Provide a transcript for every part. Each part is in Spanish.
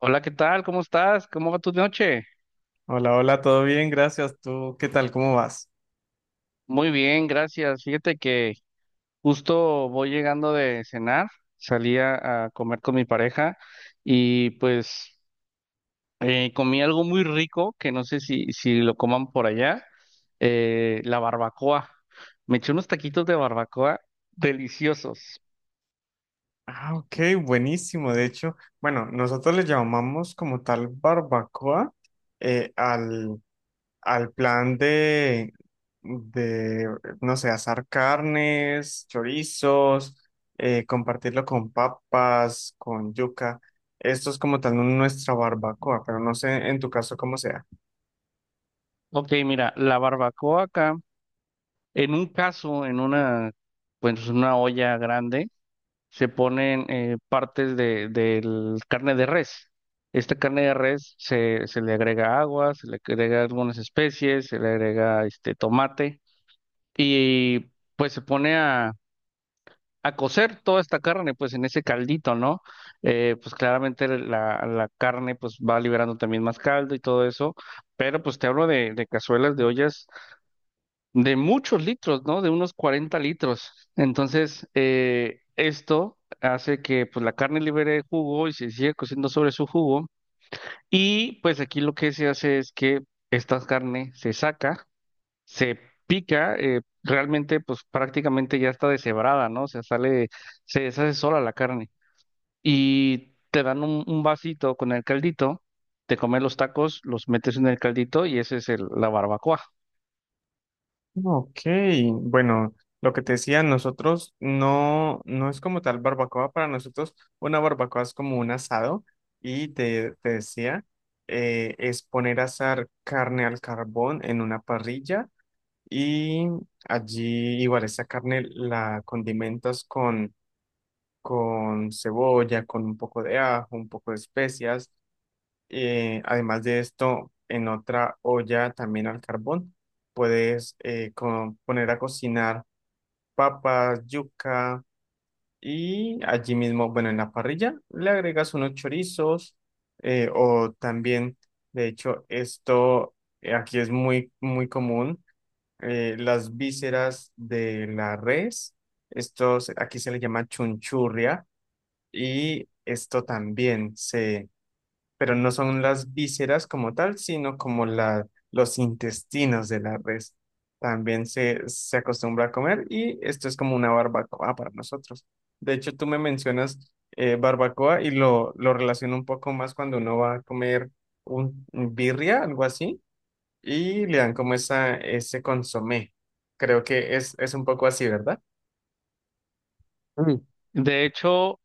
Hola, ¿qué tal? ¿Cómo estás? ¿Cómo va tu noche? Hola, hola, todo bien, gracias. ¿Tú qué tal? ¿Cómo vas? Muy bien, gracias. Fíjate que justo voy llegando de cenar, salí a comer con mi pareja y pues comí algo muy rico que no sé si lo coman por allá, la barbacoa. Me eché unos taquitos de barbacoa deliciosos. Ah, ok, buenísimo. De hecho, bueno, nosotros le llamamos como tal barbacoa al, al plan de, no sé, asar carnes, chorizos, compartirlo con papas, con yuca. Esto es como tal nuestra barbacoa, pero no sé en tu caso cómo sea. Ok, mira, la barbacoa acá, en un caso, pues una olla grande. Se ponen partes del carne de res. Esta carne de res se le agrega agua, se le agrega algunas especies, se le agrega este tomate y pues se pone a cocer toda esta carne pues en ese caldito, ¿no? Pues claramente la carne pues va liberando también más caldo y todo eso, pero pues te hablo de cazuelas, de ollas de muchos litros, ¿no? De unos 40 litros. Entonces, esto hace que pues, la carne libere jugo y se sigue cociendo sobre su jugo. Y pues aquí lo que se hace es que esta carne se saca, se pica, realmente pues prácticamente ya está deshebrada, ¿no? O sea, sale, se deshace sola la carne. Y te dan un vasito con el caldito, te comes los tacos, los metes en el caldito y ese es la barbacoa. Ok, bueno, lo que te decía, nosotros no, no es como tal barbacoa, para nosotros una barbacoa es como un asado y te decía, es poner a asar carne al carbón en una parrilla y allí igual esa carne la condimentas con cebolla, con un poco de ajo, un poco de especias, además de esto, en otra olla también al carbón, puedes poner a cocinar papas, yuca y allí mismo, bueno, en la parrilla le agregas unos chorizos, o también, de hecho, esto aquí es muy, muy común, las vísceras de la res, aquí se le llama chunchurria y esto también se pero no son las vísceras como tal, sino como la, los intestinos de la res. También se acostumbra a comer y esto es como una barbacoa para nosotros. De hecho, tú me mencionas barbacoa y lo relaciono un poco más cuando uno va a comer un birria, algo así, y le dan como esa, ese consomé. Creo que es un poco así, ¿verdad? Mm. De hecho,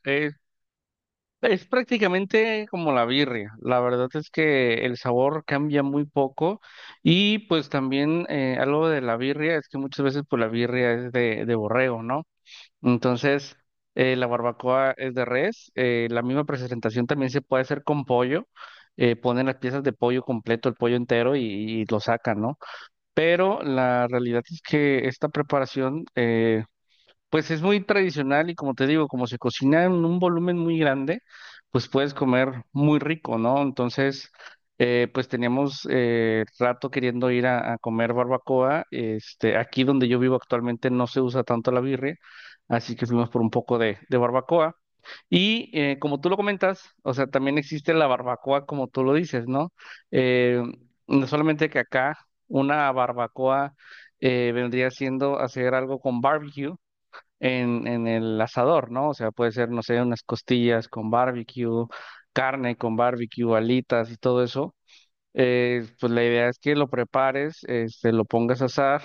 es prácticamente como la birria. La verdad es que el sabor cambia muy poco y pues también algo de la birria es que muchas veces pues la birria es de borrego, ¿no? Entonces la barbacoa es de res. La misma presentación también se puede hacer con pollo. Ponen las piezas de pollo completo, el pollo entero y lo sacan, ¿no? Pero la realidad es que esta preparación... pues es muy tradicional y como te digo, como se cocina en un volumen muy grande, pues puedes comer muy rico, ¿no? Entonces, pues teníamos rato queriendo ir a comer barbacoa. Este, aquí donde yo vivo actualmente no se usa tanto la birria, así que fuimos por un poco de barbacoa. Y como tú lo comentas, o sea, también existe la barbacoa como tú lo dices, ¿no? Eh, no solamente que acá una barbacoa vendría siendo hacer algo con barbecue, en el asador, ¿no? O sea, puede ser, no sé, unas costillas con barbecue, carne con barbecue, alitas y todo eso. Pues la idea es que lo prepares, este, lo pongas a asar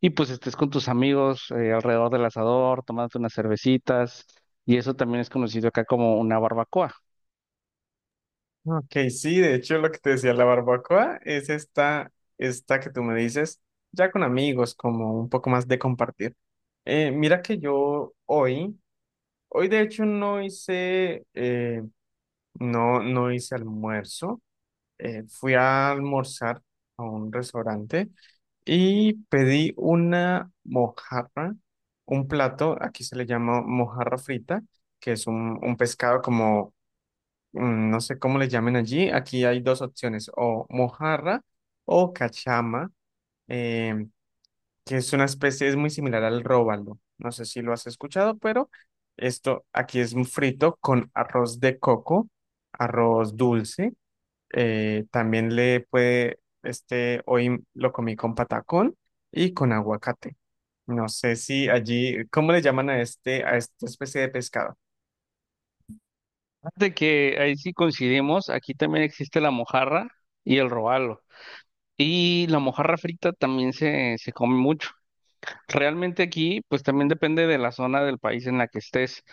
y pues estés con tus amigos alrededor del asador, tomándote unas cervecitas. Y eso también es conocido acá como una barbacoa. Ok, sí, de hecho lo que te decía, la barbacoa es esta, esta que tú me dices, ya con amigos, como un poco más de compartir. Mira que yo hoy, hoy de hecho no hice, no, no hice almuerzo, fui a almorzar a un restaurante y pedí una mojarra, un plato, aquí se le llama mojarra frita, que es un pescado como mm, no sé cómo le llamen allí. Aquí hay dos opciones, o mojarra o cachama, em, que es una especie, es muy similar al róbalo. No sé si lo has escuchado, pero esto aquí es un frito con arroz de coco, arroz dulce. También le puede, este, hoy lo comí con patacón y con aguacate. No sé si allí, ¿cómo le llaman a este, a esta especie de pescado? Fíjate que ahí sí coincidimos, aquí también existe la mojarra y el robalo. Y la mojarra frita también se come mucho. Realmente aquí, pues también depende de la zona del país en la que estés,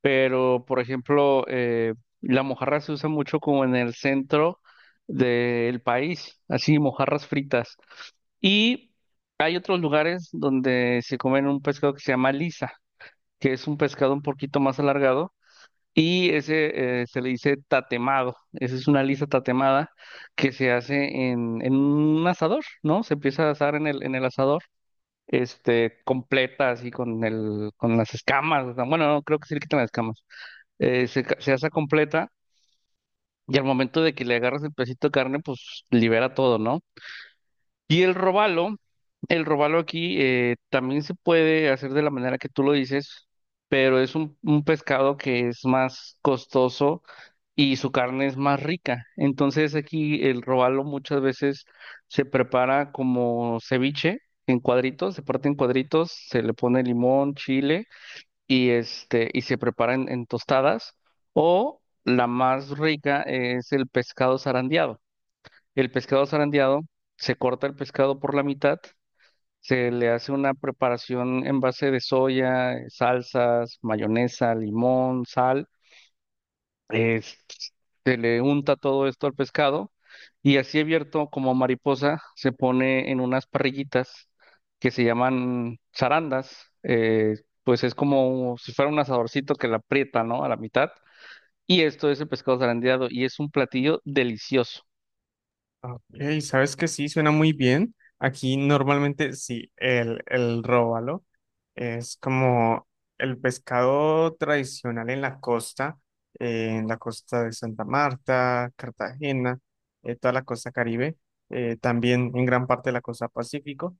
pero por ejemplo, la mojarra se usa mucho como en el centro del país, así mojarras fritas. Y hay otros lugares donde se comen un pescado que se llama lisa, que es un pescado un poquito más alargado y ese se le dice tatemado. Esa es una lisa tatemada que se hace en un asador, ¿no? Se empieza a asar en el asador este, completa, así con el, con las escamas. O sea, bueno, no, creo que sí le quitan las escamas. Se asa completa y al momento de que le agarras el pedacito de carne, pues libera todo, ¿no? Y el robalo aquí también se puede hacer de la manera que tú lo dices, pero es un pescado que es más costoso y su carne es más rica. Entonces aquí el robalo muchas veces se prepara como ceviche en cuadritos, se parte en cuadritos, se le pone limón, chile y este y se prepara en tostadas o la más rica es el pescado zarandeado. El pescado zarandeado se corta el pescado por la mitad, se le hace una preparación en base de soya, salsas, mayonesa, limón, sal, eh, se le unta todo esto al pescado y así abierto como mariposa se pone en unas parrillitas que se llaman zarandas, pues es como si fuera un asadorcito que la aprieta, ¿no? A la mitad. Y esto es el pescado zarandeado y es un platillo delicioso. Ah, ok, sabes que sí, suena muy bien. Aquí normalmente sí, el róbalo es como el pescado tradicional en la costa de Santa Marta, Cartagena, toda la costa Caribe, también en gran parte de la costa Pacífico.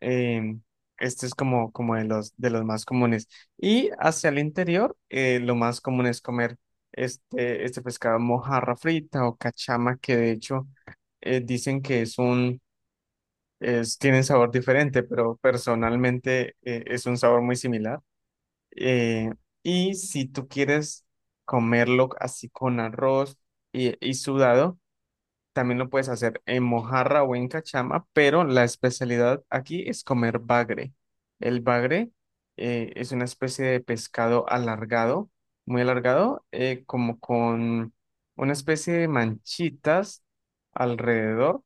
Eh, este es como, como de los más comunes. Y hacia el interior, lo más común es comer este, este pescado mojarra frita o cachama, que de hecho dicen que es un, es, tienen sabor diferente, pero personalmente es un sabor muy similar. Eh, y si tú quieres comerlo así con arroz y sudado, también lo puedes hacer en mojarra o en cachama, pero la especialidad aquí es comer bagre. El bagre es una especie de pescado alargado, muy alargado, como con una especie de manchitas alrededor,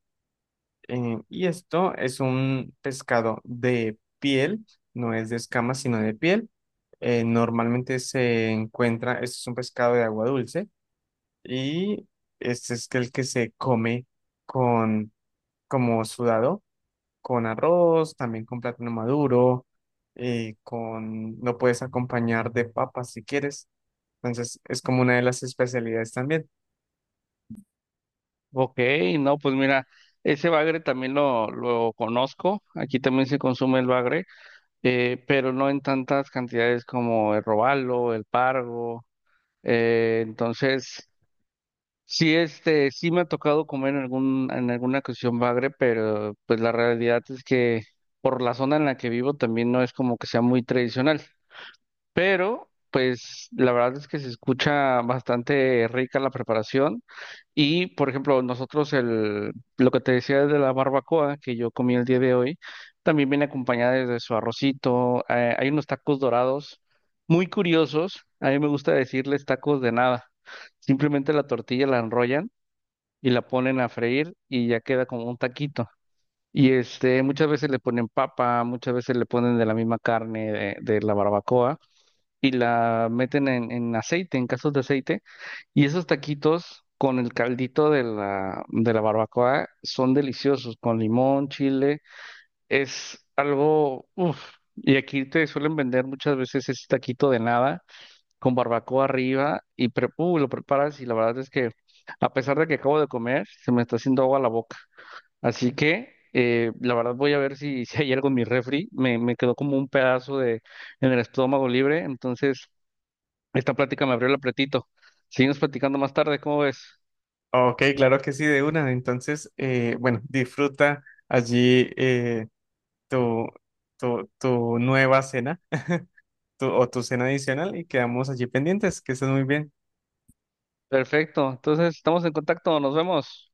y esto es un pescado de piel, no es de escamas, sino de piel. Normalmente se encuentra, este es un pescado de agua dulce y este es el que se come con, como sudado, con arroz, también con plátano maduro, con, lo puedes acompañar de papas si quieres. Entonces es como una de las especialidades también. Ok, no, pues mira, ese bagre también lo conozco, aquí también se consume el bagre, pero no en tantas cantidades como el robalo, el pargo. Entonces, sí, este, sí me ha tocado comer en algún, en alguna ocasión bagre, pero pues la realidad es que por la zona en la que vivo también no es como que sea muy tradicional. Pero, pues, la verdad es que se escucha bastante rica la preparación. Y, por ejemplo, nosotros lo que te decía de la barbacoa que yo comí el día de hoy, también viene acompañada de su arrocito. Hay unos tacos dorados muy curiosos. A mí me gusta decirles tacos de nada. Simplemente la tortilla la enrollan y la ponen a freír y ya queda como un taquito. Y este, muchas veces le ponen papa, muchas veces le ponen de la misma carne de la barbacoa y la meten en aceite, en casos de aceite. Y esos taquitos con el caldito de de la barbacoa son deliciosos, con limón, chile, es algo, uff. Y aquí te suelen vender muchas veces ese taquito de nada con barbacoa arriba y lo preparas y la verdad es que a pesar de que acabo de comer, se me está haciendo agua la boca. Así que la verdad voy a ver si, si hay algo en mi refri. Me quedó como un pedazo de en el estómago libre. Entonces, esta plática me abrió el apretito. Seguimos platicando más tarde, ¿cómo ves? Ok, claro que sí, de una. Entonces, bueno, disfruta allí. Tu, tu, tu nueva cena o tu cena adicional y quedamos allí pendientes. Que estés muy bien. Perfecto. Entonces, estamos en contacto. Nos vemos.